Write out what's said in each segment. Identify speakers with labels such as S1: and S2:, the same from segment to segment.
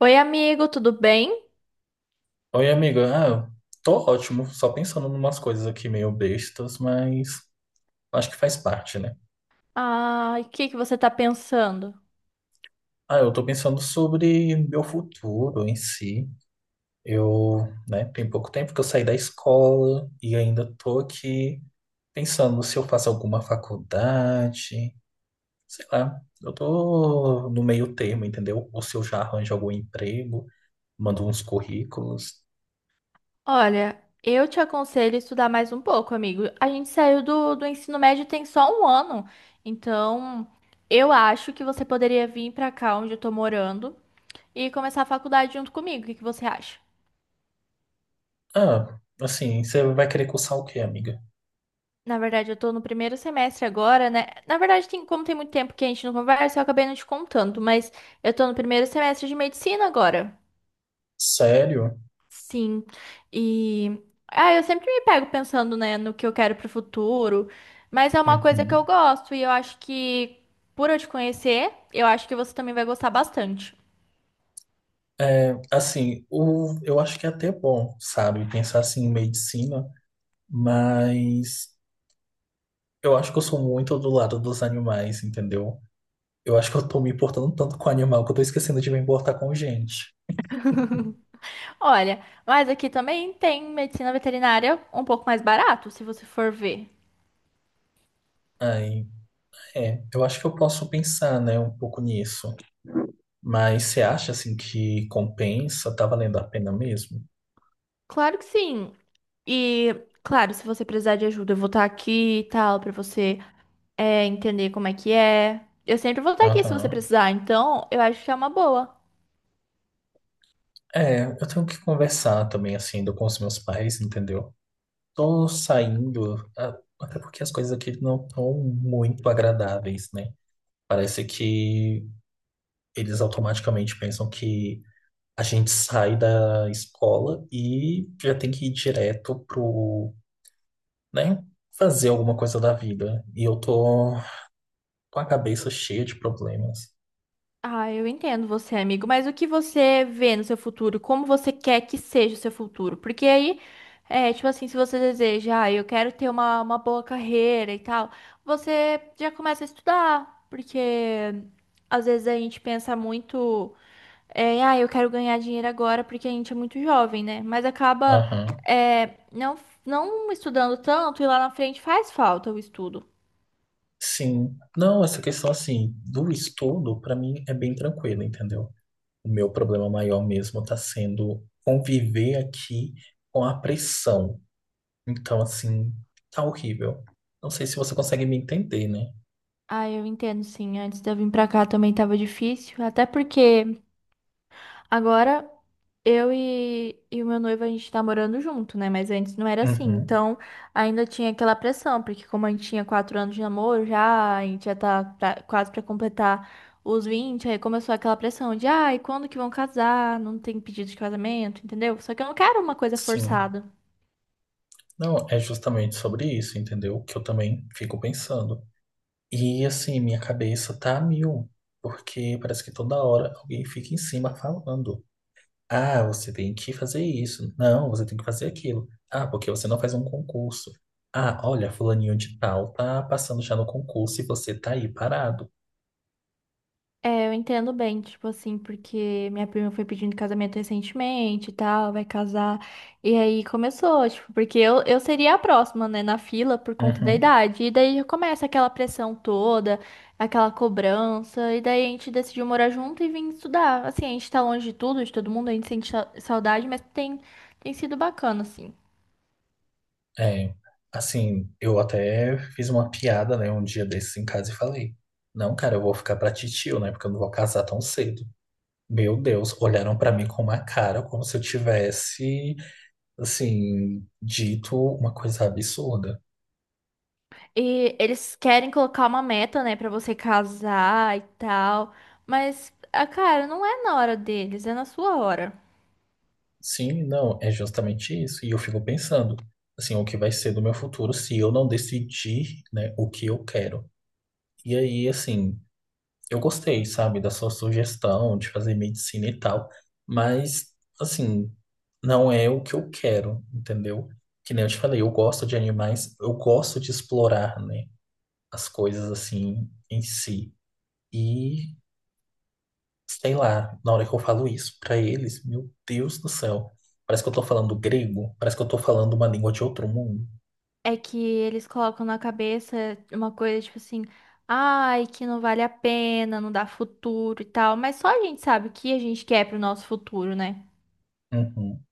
S1: Oi, amigo, tudo bem?
S2: Oi, amiga. Eu tô ótimo, só pensando em umas coisas aqui meio bestas, mas acho que faz parte, né?
S1: Ai, o que que você tá pensando?
S2: Eu tô pensando sobre meu futuro em si. Eu, né, tem pouco tempo que eu saí da escola e ainda tô aqui pensando se eu faço alguma faculdade, sei lá. Eu tô no meio termo, entendeu? Ou se eu já arranjo algum emprego, mando uns currículos.
S1: Olha, eu te aconselho a estudar mais um pouco, amigo. A gente saiu do ensino médio tem só 1 ano, então eu acho que você poderia vir pra cá onde eu tô morando e começar a faculdade junto comigo. O que que você acha?
S2: Assim, você vai querer cursar o quê, amiga?
S1: Na verdade, eu tô no primeiro semestre agora, né? Na verdade, tem, como tem muito tempo que a gente não conversa, eu acabei não te contando, mas eu tô no primeiro semestre de medicina agora.
S2: Sério?
S1: Sim. E ah, eu sempre me pego pensando, né, no que eu quero pro futuro, mas é uma coisa que
S2: Uhum.
S1: eu gosto e eu acho que por eu te conhecer, eu acho que você também vai gostar bastante.
S2: É, assim, eu acho que é até bom, sabe, pensar assim em medicina, mas eu acho que eu sou muito do lado dos animais, entendeu? Eu acho que eu tô me importando tanto com o animal que eu tô esquecendo de me importar com gente.
S1: Olha, mas aqui também tem medicina veterinária um pouco mais barato, se você for ver.
S2: Aí, é, eu acho que eu posso pensar, né, um pouco nisso. Mas você acha, assim, que compensa? Tá valendo a pena mesmo?
S1: Claro que sim. E claro, se você precisar de ajuda, eu vou estar aqui e tal pra você é, entender como é que é. Eu sempre vou estar aqui se você
S2: Aham.
S1: precisar, então eu acho que é uma boa.
S2: É, eu tenho que conversar também, assim, ainda com os meus pais, entendeu? Tô saindo, até porque as coisas aqui não estão muito agradáveis, né? Parece que eles automaticamente pensam que a gente sai da escola e já tem que ir direto pro, né, fazer alguma coisa da vida. E eu tô com a cabeça cheia de problemas.
S1: Ah, eu entendo você, amigo, mas o que você vê no seu futuro? Como você quer que seja o seu futuro? Porque aí, é, tipo assim, se você deseja, ah, eu quero ter uma boa carreira e tal, você já começa a estudar, porque às vezes a gente pensa muito, é, ah, eu quero ganhar dinheiro agora porque a gente é muito jovem, né? Mas acaba,
S2: Aham.
S1: é, não, não estudando tanto e lá na frente faz falta o estudo.
S2: Sim. Não, essa questão assim do estudo, pra mim é bem tranquilo, entendeu? O meu problema maior mesmo está sendo conviver aqui com a pressão. Então, assim, tá horrível. Não sei se você consegue me entender, né?
S1: Ah, eu entendo, sim. Antes de eu vir pra cá também tava difícil. Até porque agora, eu e o meu noivo, a gente tá morando junto, né? Mas antes não era assim.
S2: Uhum,
S1: Então, ainda tinha aquela pressão, porque como a gente tinha 4 anos de namoro já, a gente já tá quase pra completar os 20, aí começou aquela pressão de, ai, quando que vão casar? Não tem pedido de casamento, entendeu? Só que eu não quero uma coisa
S2: sim.
S1: forçada.
S2: Não, é justamente sobre isso, entendeu? Que eu também fico pensando. E, assim, minha cabeça tá a mil, porque parece que toda hora alguém fica em cima falando. Ah, você tem que fazer isso. Não, você tem que fazer aquilo. Ah, porque você não faz um concurso. Ah, olha, fulaninho de tal tá passando já no concurso e você tá aí parado.
S1: É, eu entendo bem, tipo assim, porque minha prima foi pedindo casamento recentemente e tal, vai casar. E aí começou, tipo, porque eu seria a próxima, né, na fila por conta da
S2: Uhum.
S1: idade. E daí já começa aquela pressão toda, aquela cobrança. E daí a gente decidiu morar junto e vir estudar. Assim, a gente tá longe de tudo, de todo mundo, a gente sente saudade, mas tem, tem sido bacana, assim.
S2: É, assim, eu até fiz uma piada, né, um dia desses em casa e falei: não, cara, eu vou ficar pra titio, né, porque eu não vou casar tão cedo. Meu Deus, olharam pra mim com uma cara como se eu tivesse, assim, dito uma coisa absurda.
S1: E eles querem colocar uma meta, né, pra você casar e tal. Mas, ah, cara, não é na hora deles, é na sua hora.
S2: Sim, não, é justamente isso. E eu fico pensando, assim, o que vai ser do meu futuro se eu não decidir, né, o que eu quero. E aí, assim, eu gostei, sabe, da sua sugestão de fazer medicina e tal, mas, assim, não é o que eu quero, entendeu? Que nem eu te falei, eu gosto de animais, eu gosto de explorar, né, as coisas assim em si. E sei lá, na hora que eu falo isso pra eles, meu Deus do céu. Parece que eu tô falando grego, parece que eu tô falando uma língua de outro mundo.
S1: É que eles colocam na cabeça uma coisa tipo assim, ai, que não vale a pena, não dá futuro e tal. Mas só a gente sabe o que a gente quer pro nosso futuro, né?
S2: Uhum.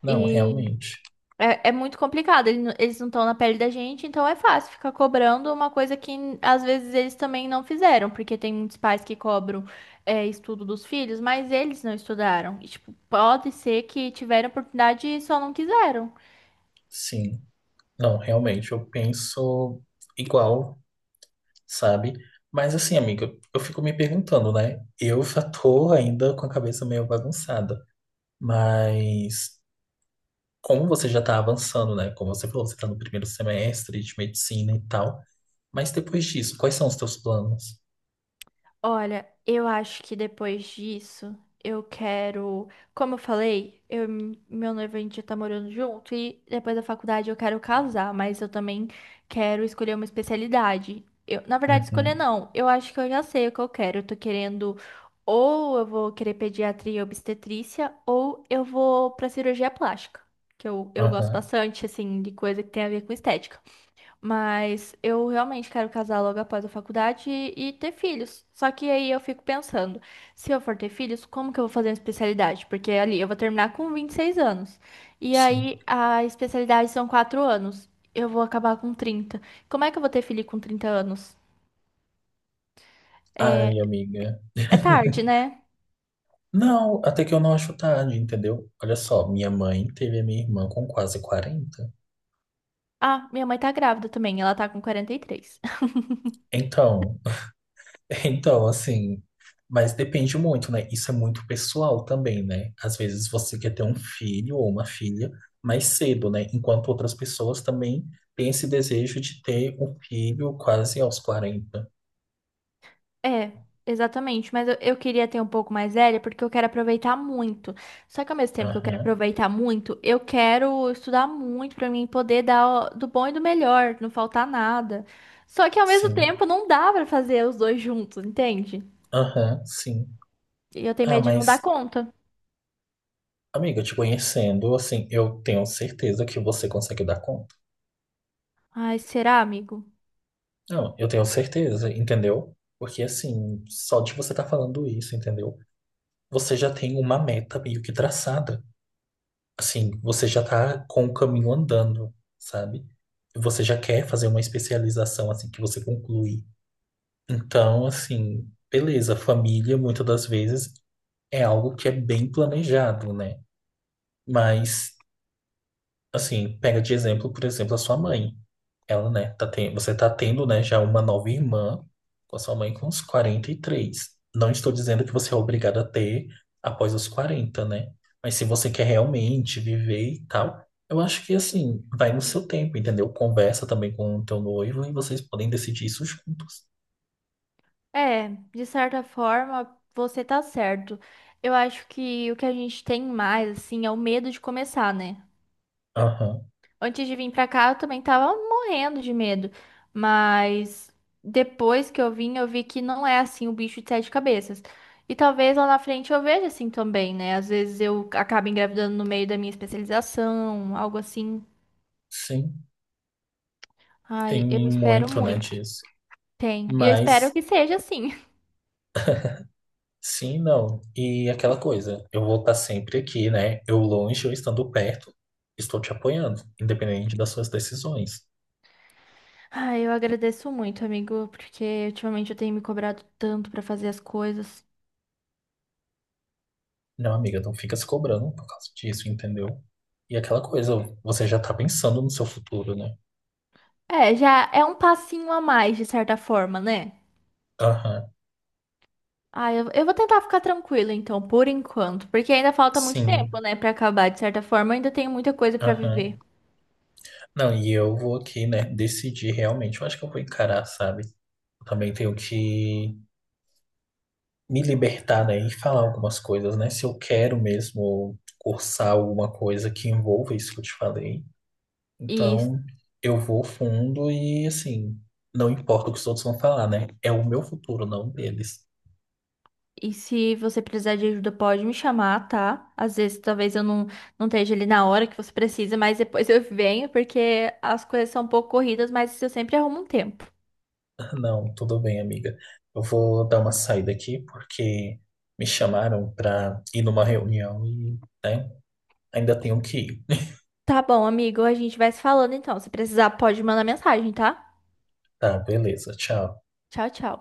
S2: Não,
S1: E
S2: realmente.
S1: É, é muito complicado, eles não estão na pele da gente, então é fácil ficar cobrando uma coisa que às vezes eles também não fizeram, porque tem muitos pais que cobram é, estudo dos filhos, mas eles não estudaram. E, tipo, pode ser que tiveram oportunidade e só não quiseram.
S2: Sim. Não, realmente, eu penso igual, sabe? Mas assim, amiga, eu fico me perguntando, né? Eu já tô ainda com a cabeça meio bagunçada. Mas como você já tá avançando, né? Como você falou, você tá no primeiro semestre de medicina e tal. Mas depois disso, quais são os teus planos?
S1: Olha, eu acho que depois disso, eu quero. Como eu falei, eu, e meu noivo a gente já tá morando junto e depois da faculdade eu quero casar, mas eu também quero escolher uma especialidade. Eu, na verdade, escolher
S2: Uhum.
S1: não. Eu acho que eu já sei o que eu quero. Eu tô querendo. Ou eu vou querer pediatria e obstetrícia, ou eu vou pra cirurgia plástica, que eu gosto
S2: Aham.
S1: bastante, assim, de coisa que tem a ver com estética. Mas eu realmente quero casar logo após a faculdade e ter filhos. Só que aí eu fico pensando, se eu for ter filhos, como que eu vou fazer uma especialidade? Porque ali eu vou terminar com 26 anos. E
S2: Sim.
S1: aí a especialidade são 4 anos. Eu vou acabar com 30. Como é que eu vou ter filho com 30 anos? É,
S2: Ai, amiga.
S1: é tarde, né?
S2: Não, até que eu não acho tarde, entendeu? Olha só, minha mãe teve a minha irmã com quase 40.
S1: Ah, minha mãe tá grávida também, ela tá com 43.
S2: Então, então, assim, mas depende muito, né? Isso é muito pessoal também, né? Às vezes você quer ter um filho ou uma filha mais cedo, né? Enquanto outras pessoas também têm esse desejo de ter um filho quase aos 40.
S1: É, exatamente. Mas eu queria ter um pouco mais velha porque eu quero aproveitar muito. Só que ao mesmo tempo que eu quero
S2: Aham,
S1: aproveitar muito, eu quero estudar muito pra mim poder dar do bom e do melhor, não faltar nada. Só que ao mesmo
S2: sim.
S1: tempo não dá pra fazer os dois juntos, entende?
S2: Aham, sim.
S1: E eu tenho
S2: Ah,
S1: medo de não dar
S2: mas
S1: conta.
S2: Amiga, te conhecendo, assim, eu tenho certeza que você consegue dar conta.
S1: Ai, será, amigo?
S2: Não, eu tenho certeza, entendeu? Porque, assim, só de você estar falando isso, entendeu? Você já tem uma meta meio que traçada. Assim, você já tá com o caminho andando, sabe? Você já quer fazer uma especialização, assim, que você conclui. Então, assim, beleza, família, muitas das vezes, é algo que é bem planejado, né? Mas, assim, pega de exemplo, por exemplo, a sua mãe. Ela, né, você tá tendo, né, já uma nova irmã com a sua mãe com uns 43. Não estou dizendo que você é obrigado a ter após os 40, né? Mas se você quer realmente viver e tal, eu acho que, assim, vai no seu tempo, entendeu? Conversa também com o teu noivo e vocês podem decidir isso juntos.
S1: É, de certa forma, você tá certo. Eu acho que o que a gente tem mais, assim, é o medo de começar, né?
S2: Aham,
S1: Antes de vir pra cá, eu também tava morrendo de medo. Mas depois que eu vim, eu vi que não é assim o bicho de sete cabeças. E talvez lá na frente eu veja assim também, né? Às vezes eu acabo engravidando no meio da minha especialização, algo assim.
S2: sim, tem
S1: Ai, eu espero
S2: muito, né,
S1: muito.
S2: disso.
S1: Tem. E eu espero
S2: Mas
S1: que seja assim.
S2: Sim, não. E aquela coisa, eu vou estar sempre aqui, né? Eu longe, eu estando perto, estou te apoiando, independente das suas decisões.
S1: Ai, eu agradeço muito, amigo, porque ultimamente eu tenho me cobrado tanto pra fazer as coisas.
S2: Não, amiga, não fica se cobrando por causa disso, entendeu? E aquela coisa, você já tá pensando no seu futuro, né?
S1: É, já é um passinho a mais, de certa forma, né?
S2: Aham,
S1: Ah, eu vou tentar ficar tranquila então, por enquanto, porque ainda falta muito
S2: sim,
S1: tempo, né, pra acabar. De certa forma, eu ainda tenho muita coisa pra
S2: aham.
S1: viver.
S2: Não, e eu vou aqui, né, decidir realmente. Eu acho que eu vou encarar, sabe? Eu também tenho que me libertar, né, e falar algumas coisas, né? Se eu quero mesmo cursar alguma coisa que envolva isso que eu te falei.
S1: E,
S2: Então, eu vou fundo e, assim, não importa o que os outros vão falar, né? É o meu futuro, não o deles.
S1: e se você precisar de ajuda, pode me chamar, tá? Às vezes, talvez eu não, não esteja ali na hora que você precisa, mas depois eu venho, porque as coisas são um pouco corridas, mas eu sempre arrumo um tempo.
S2: Não, tudo bem, amiga. Eu vou dar uma saída aqui porque me chamaram para ir numa reunião e, né, ainda tenho que ir.
S1: Tá bom, amigo, a gente vai se falando então. Se precisar, pode mandar mensagem, tá?
S2: Tá, beleza, tchau.
S1: Tchau, tchau.